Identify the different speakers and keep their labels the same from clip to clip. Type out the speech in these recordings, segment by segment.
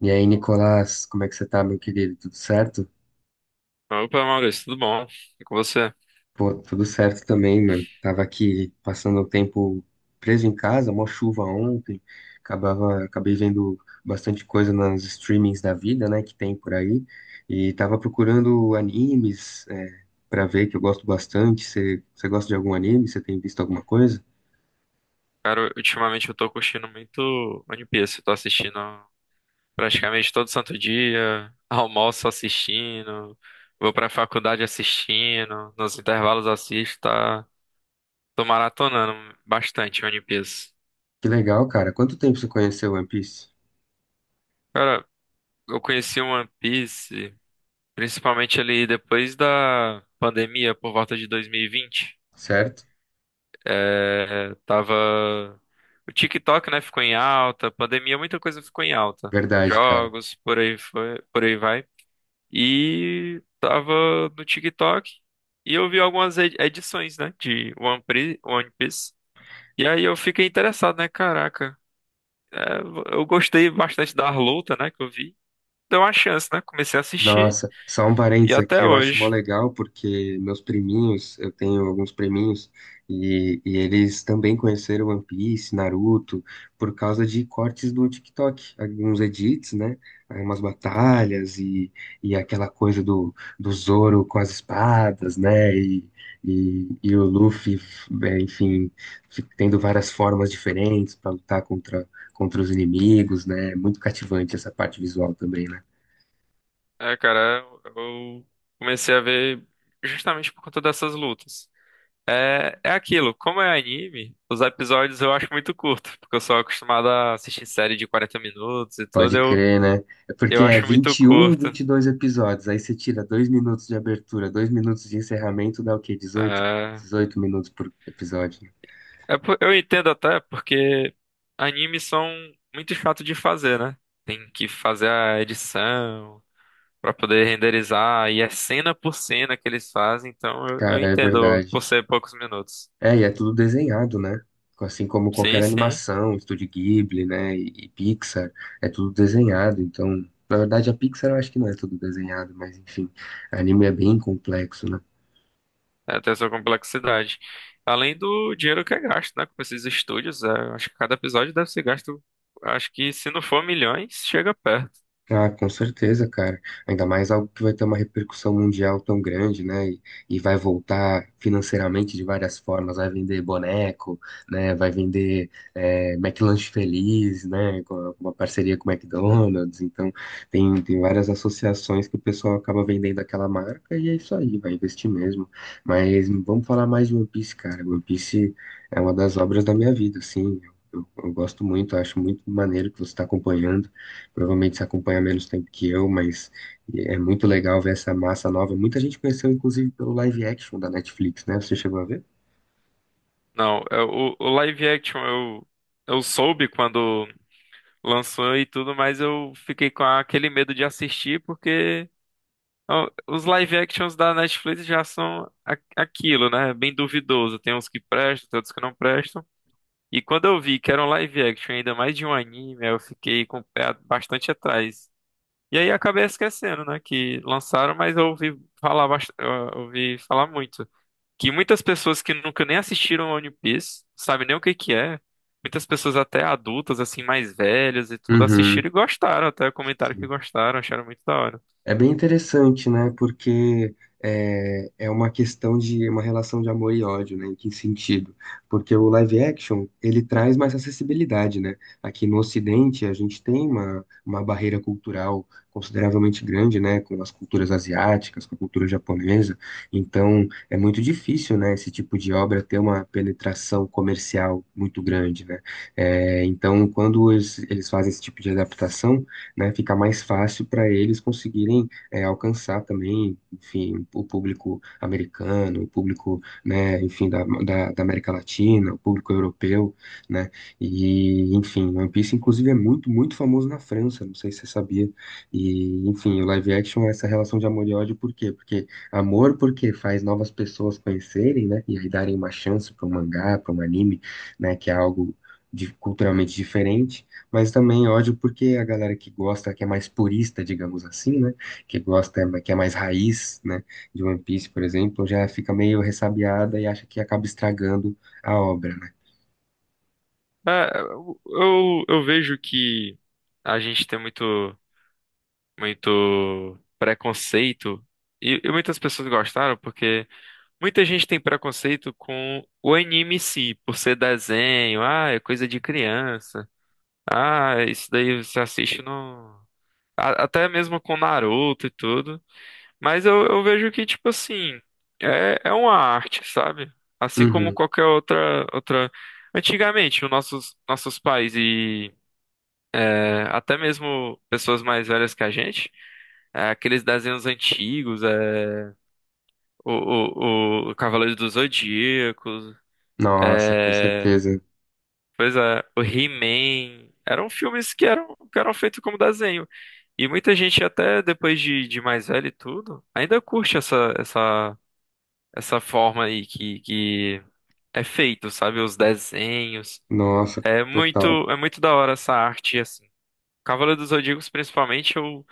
Speaker 1: E aí, Nicolás, como é que você tá, meu querido? Tudo certo?
Speaker 2: Opa, Maurício, tudo bom? E com você?
Speaker 1: Pô, tudo certo também, mano. Tava aqui passando o tempo preso em casa, mó chuva ontem. Acabei vendo bastante coisa nos streamings da vida, né, que tem por aí. E tava procurando animes, pra ver, que eu gosto bastante. Você gosta de algum anime? Você tem visto alguma coisa?
Speaker 2: Cara, ultimamente eu tô curtindo muito One Piece. Eu tô assistindo praticamente todo santo dia, almoço assistindo, vou pra faculdade assistindo, nos intervalos assisto, tá? Tô maratonando bastante One Piece.
Speaker 1: Que legal, cara. Quanto tempo você conheceu One Piece?
Speaker 2: Cara, eu conheci o One Piece principalmente ali depois da pandemia, por volta de 2020.
Speaker 1: Certo?
Speaker 2: É, tava. O TikTok, né, ficou em alta, pandemia, muita coisa ficou em alta.
Speaker 1: Verdade, cara.
Speaker 2: Jogos, por aí foi, por aí vai. E tava no TikTok e eu vi algumas edições, né, de One Piece. E aí eu fiquei interessado, né, caraca. é, eu gostei bastante da luta, né, que eu vi. Deu uma chance, né? Comecei a assistir
Speaker 1: Nossa, só um
Speaker 2: e
Speaker 1: parênteses aqui,
Speaker 2: até
Speaker 1: eu acho mó
Speaker 2: hoje.
Speaker 1: legal porque meus priminhos, eu tenho alguns priminhos, e eles também conheceram One Piece, Naruto, por causa de cortes do TikTok, alguns edits, né? Aí umas
Speaker 2: É,
Speaker 1: batalhas e aquela coisa do Zoro com as espadas, né? E o Luffy, enfim, tendo várias formas diferentes para lutar contra os inimigos, né? Muito cativante essa parte visual também, né?
Speaker 2: é, cara, eu comecei a ver justamente por conta dessas lutas. É, é aquilo, como é anime, os episódios eu acho muito curto, porque eu sou acostumado a assistir série de 40 minutos e tudo,
Speaker 1: Pode
Speaker 2: eu,
Speaker 1: crer, né? É
Speaker 2: eu
Speaker 1: porque é um,
Speaker 2: acho muito
Speaker 1: 21,
Speaker 2: curto.
Speaker 1: dois episódios. Aí você tira dois minutos de abertura, dois minutos de encerramento, dá o quê? dezoito,
Speaker 2: É,
Speaker 1: dezoito minutos por episódio, né?
Speaker 2: é, eu entendo até porque animes são muito chato de fazer, né? Tem que fazer a edição pra poder renderizar, e é cena por cena que eles fazem, então eu
Speaker 1: Cara, é
Speaker 2: entendo
Speaker 1: verdade.
Speaker 2: por ser poucos minutos.
Speaker 1: E é tudo desenhado, né? Assim como qualquer
Speaker 2: Sim, sim.
Speaker 1: animação, Estúdio Ghibli, né? E Pixar, é tudo desenhado. Então, na verdade, a Pixar eu acho que não é tudo desenhado, mas enfim, anime é bem complexo, né?
Speaker 2: É, tem essa complexidade. Além do dinheiro que é gasto, né? Com esses estúdios, acho que cada episódio deve ser gasto. Acho que se não for milhões, chega perto.
Speaker 1: Ah, com certeza, cara. Ainda mais algo que vai ter uma repercussão mundial tão grande, né? E vai voltar financeiramente de várias formas. Vai vender boneco, né? Vai vender McLanche Feliz, né? Com uma parceria com o McDonald's. Então, tem várias associações que o pessoal acaba vendendo aquela marca e é isso aí, vai investir mesmo. Mas vamos falar mais de One Piece, cara. One Piece é uma das obras da minha vida, assim. Eu gosto muito, acho muito maneiro que você está acompanhando. Provavelmente você acompanha menos tempo que eu, mas é muito legal ver essa massa nova. Muita gente conheceu, inclusive, pelo live action da Netflix, né? Você chegou a ver?
Speaker 2: Não, o live action eu soube quando lançou e tudo, mas eu fiquei com aquele medo de assistir, porque ó, os live actions da Netflix já são aquilo, né? Bem duvidoso. Tem uns que prestam, tem outros que não prestam. E quando eu vi que era um live action, ainda mais de um anime, eu fiquei com o pé bastante atrás. E aí acabei esquecendo, né, que lançaram, mas eu ouvi falar, eu ouvi falar muito. Que muitas pessoas que nunca nem assistiram a One Piece, sabem nem o que que é. Muitas pessoas até adultas, assim, mais velhas e tudo,
Speaker 1: Uhum.
Speaker 2: assistiram e gostaram, até comentaram que gostaram, acharam muito da hora.
Speaker 1: É bem interessante, né? Porque é uma questão de uma relação de amor e ódio, né? Em que sentido? Porque o live action, ele traz mais acessibilidade, né? Aqui no Ocidente, a gente tem uma barreira cultural consideravelmente grande, né? Com as culturas asiáticas, com a cultura japonesa. Então, é muito difícil, né? Esse tipo de obra ter uma penetração comercial muito grande, né? É, então, quando eles fazem esse tipo de adaptação, né, fica mais fácil para eles conseguirem alcançar também, enfim, o público americano, o público, né, enfim, da América Latina, o público europeu, né, e, enfim, One Piece, inclusive, é muito, muito famoso na França, não sei se você sabia, e, enfim, o live action é essa relação de amor e ódio, por quê? Porque amor, porque faz novas pessoas conhecerem, né, e aí darem uma chance para um mangá, para um anime, né, que é algo culturalmente diferente, mas também ódio porque a galera que gosta, que é mais purista, digamos assim, né? Que gosta, que é mais raiz, né? De One Piece, por exemplo, já fica meio ressabiada e acha que acaba estragando a obra, né?
Speaker 2: É, eu vejo que a gente tem muito, muito preconceito, e muitas pessoas gostaram porque muita gente tem preconceito com o anime em si, por ser desenho, ah, é coisa de criança, ah, isso daí você assiste no. Até mesmo com Naruto e tudo. Mas eu vejo que, tipo assim, é uma arte, sabe? Assim como
Speaker 1: Uhum.
Speaker 2: qualquer outra, outra. Antigamente, os nossos pais e até mesmo pessoas mais velhas que a gente, aqueles desenhos antigos, o, o Cavaleiro dos Zodíaco.
Speaker 1: Nossa, com
Speaker 2: É,
Speaker 1: certeza.
Speaker 2: pois é, o He-Man. Eram filmes que eram feitos como desenho. E muita gente, até depois de mais velho e tudo, ainda curte essa forma aí que é feito, sabe? Os desenhos.
Speaker 1: Nossa,
Speaker 2: É muito,
Speaker 1: total.
Speaker 2: é muito da hora essa arte, assim. Cavaleiro dos Zodíacos, principalmente, eu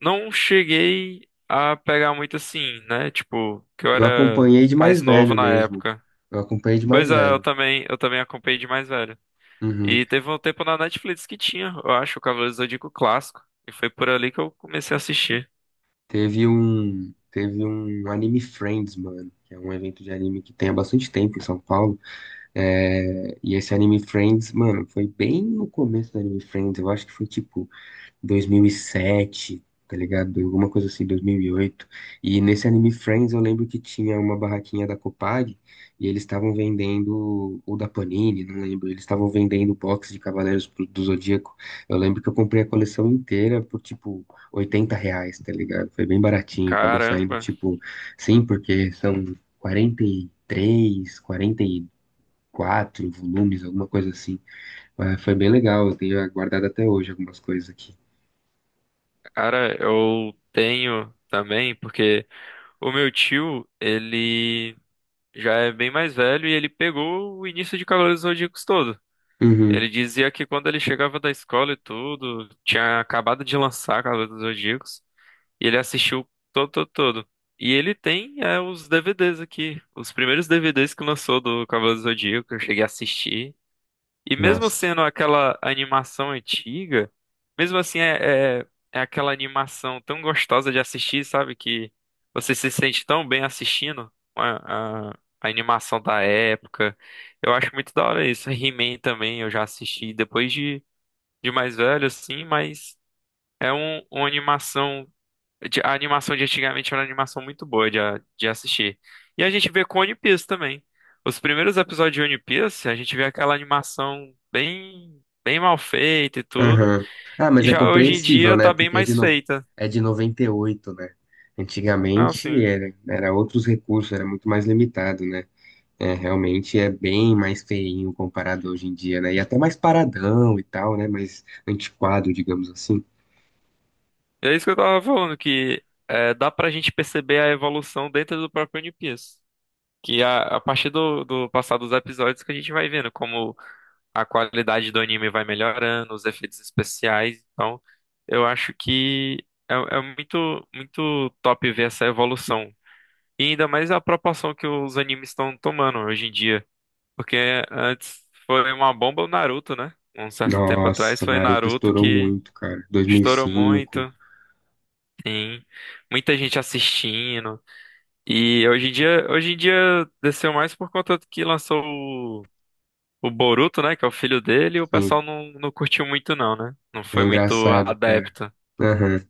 Speaker 2: não cheguei a pegar muito assim, né? Tipo, que eu
Speaker 1: Eu
Speaker 2: era
Speaker 1: acompanhei de mais
Speaker 2: mais novo
Speaker 1: velho
Speaker 2: na
Speaker 1: mesmo.
Speaker 2: época.
Speaker 1: Eu acompanhei de
Speaker 2: Pois
Speaker 1: mais
Speaker 2: é, eu
Speaker 1: velho.
Speaker 2: também, eu também acompanhei de mais velho.
Speaker 1: Uhum.
Speaker 2: E teve um tempo na Netflix que tinha, eu acho, o Cavaleiro do Zodíaco clássico. E foi por ali que eu comecei a assistir.
Speaker 1: Teve um Anime Friends, mano, que é um evento de anime que tem há bastante tempo em São Paulo. E esse Anime Friends, mano, foi bem no começo do Anime Friends, eu acho que foi tipo 2007, tá ligado? Alguma coisa assim, 2008, e nesse Anime Friends eu lembro que tinha uma barraquinha da Copag e eles estavam vendendo, ou da Panini, não lembro, eles estavam vendendo box de Cavaleiros do Zodíaco. Eu lembro que eu comprei a coleção inteira por tipo R$ 80, tá ligado? Foi bem baratinho, acabou saindo
Speaker 2: Caramba,
Speaker 1: tipo, sim, porque são 43, 40, quatro volumes, alguma coisa assim. Mas foi bem legal, eu tenho guardado até hoje algumas coisas aqui.
Speaker 2: cara, eu tenho também, porque o meu tio, ele já é bem mais velho e ele pegou o início de Cavaleiros do Zodíaco todo. Ele
Speaker 1: Uhum,
Speaker 2: dizia que quando ele chegava da escola e tudo, tinha acabado de lançar Cavaleiros do Zodíaco e ele assistiu todo, todo, todo. E ele tem os DVDs aqui, os primeiros DVDs que lançou do Cavaleiro do Zodíaco, eu cheguei a assistir. E mesmo
Speaker 1: nossa.
Speaker 2: sendo aquela animação antiga, mesmo assim é aquela animação tão gostosa de assistir, sabe? Que você se sente tão bem assistindo a animação da época. Eu acho muito da hora isso. He-Man também eu já assisti depois de mais velho, assim, mas é uma animação a animação de antigamente era uma animação muito boa de assistir. E a gente vê com One Piece também. Os primeiros episódios de One Piece, a gente vê aquela animação bem, bem mal feita e tudo.
Speaker 1: Aham. Ah,
Speaker 2: E
Speaker 1: mas é
Speaker 2: já hoje em
Speaker 1: compreensível,
Speaker 2: dia
Speaker 1: né?
Speaker 2: tá bem
Speaker 1: Porque é de,
Speaker 2: mais
Speaker 1: no...
Speaker 2: feita.
Speaker 1: é de 98, né?
Speaker 2: Ah,
Speaker 1: Antigamente
Speaker 2: sim.
Speaker 1: era, outros recursos, era muito mais limitado, né? É, realmente é bem mais feinho comparado hoje em dia, né? E até mais paradão e tal, né? Mais antiquado, digamos assim.
Speaker 2: É isso que eu tava falando, que dá pra gente perceber a evolução dentro do próprio One Piece. Que a partir do passar dos episódios que a gente vai vendo como a qualidade do anime vai melhorando, os efeitos especiais. Então, eu acho que é muito, muito top ver essa evolução. E ainda mais a proporção que os animes estão tomando hoje em dia. Porque antes foi uma bomba o Naruto, né? Um certo tempo atrás
Speaker 1: Nossa,
Speaker 2: foi
Speaker 1: Naruto
Speaker 2: Naruto
Speaker 1: estourou
Speaker 2: que
Speaker 1: muito, cara. dois mil e
Speaker 2: estourou
Speaker 1: cinco
Speaker 2: muito. Sim, muita gente assistindo. E hoje em dia desceu mais por conta do que lançou o Boruto, né? Que é o filho dele, e o
Speaker 1: sim.
Speaker 2: pessoal não, não curtiu muito, não, né? Não
Speaker 1: É
Speaker 2: foi muito
Speaker 1: engraçado, cara.
Speaker 2: adepto.
Speaker 1: Aham.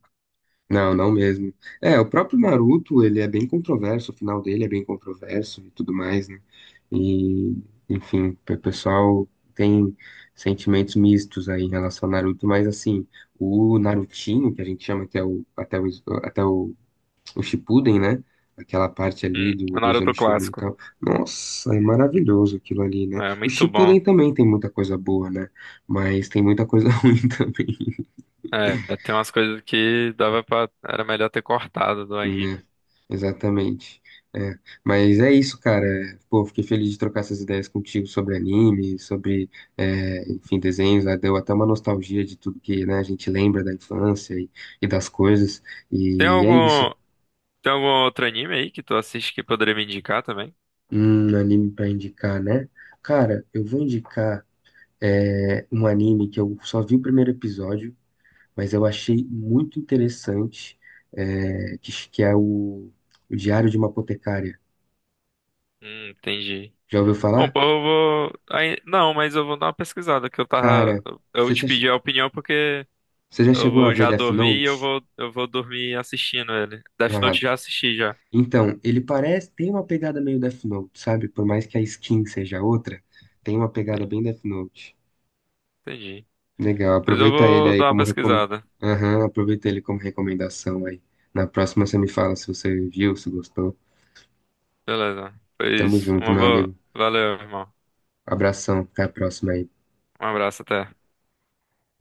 Speaker 1: Não, não mesmo. É, o próprio Naruto, ele é bem controverso, o final dele é bem controverso e tudo mais, né? E, enfim, o pessoal tem sentimentos mistos aí em relação ao Naruto, mas assim, o Narutinho, que a gente chama até o Shippuden, né? Aquela parte ali do,
Speaker 2: O
Speaker 1: do Exame
Speaker 2: Naruto
Speaker 1: Chunin e
Speaker 2: clássico.
Speaker 1: tal. Nossa, é maravilhoso aquilo ali, né?
Speaker 2: É
Speaker 1: O
Speaker 2: muito
Speaker 1: Shippuden
Speaker 2: bom.
Speaker 1: também tem muita coisa boa, né? Mas tem muita coisa ruim também.
Speaker 2: É, tem umas coisas que dava pra. Era melhor ter cortado do anime.
Speaker 1: Né, exatamente. É, mas é isso, cara. Pô, fiquei feliz de trocar essas ideias contigo sobre anime, sobre, enfim, desenhos, né? Deu até uma nostalgia de tudo que, né, a gente lembra da infância e das coisas.
Speaker 2: Tem
Speaker 1: E é isso.
Speaker 2: algum. Tem algum outro anime aí que tu assiste que poderia me indicar também?
Speaker 1: Um anime pra indicar, né? Cara, eu vou indicar, um anime que eu só vi o primeiro episódio, mas eu achei muito interessante, que é o Diário de uma Apotecária.
Speaker 2: Entendi.
Speaker 1: Já ouviu
Speaker 2: Bom,
Speaker 1: falar?
Speaker 2: pô, eu vou. Não, mas eu vou dar uma pesquisada que eu tava.
Speaker 1: Cara,
Speaker 2: Eu
Speaker 1: você
Speaker 2: te
Speaker 1: já, che-
Speaker 2: pedi a opinião porque.
Speaker 1: você já
Speaker 2: Eu
Speaker 1: chegou a
Speaker 2: vou
Speaker 1: ver
Speaker 2: já
Speaker 1: Death
Speaker 2: dormir e eu
Speaker 1: Note?
Speaker 2: vou, eu vou dormir assistindo ele. Death
Speaker 1: Ah,
Speaker 2: Note já assisti já.
Speaker 1: então, ele parece, tem uma pegada meio Death Note, sabe? Por mais que a skin seja outra, tem uma pegada
Speaker 2: Sim,
Speaker 1: bem Death Note.
Speaker 2: entendi.
Speaker 1: Legal,
Speaker 2: Pois eu
Speaker 1: aproveita ele
Speaker 2: vou
Speaker 1: aí
Speaker 2: dar uma
Speaker 1: como recom...
Speaker 2: pesquisada.
Speaker 1: Aham, aproveita ele como recomendação aí. Na próxima você me fala se você viu, se gostou.
Speaker 2: Beleza.
Speaker 1: Tamo
Speaker 2: Pois
Speaker 1: junto,
Speaker 2: uma
Speaker 1: meu
Speaker 2: boa.
Speaker 1: amigo.
Speaker 2: Valeu, irmão.
Speaker 1: Abração, até a próxima aí.
Speaker 2: Um abraço, até.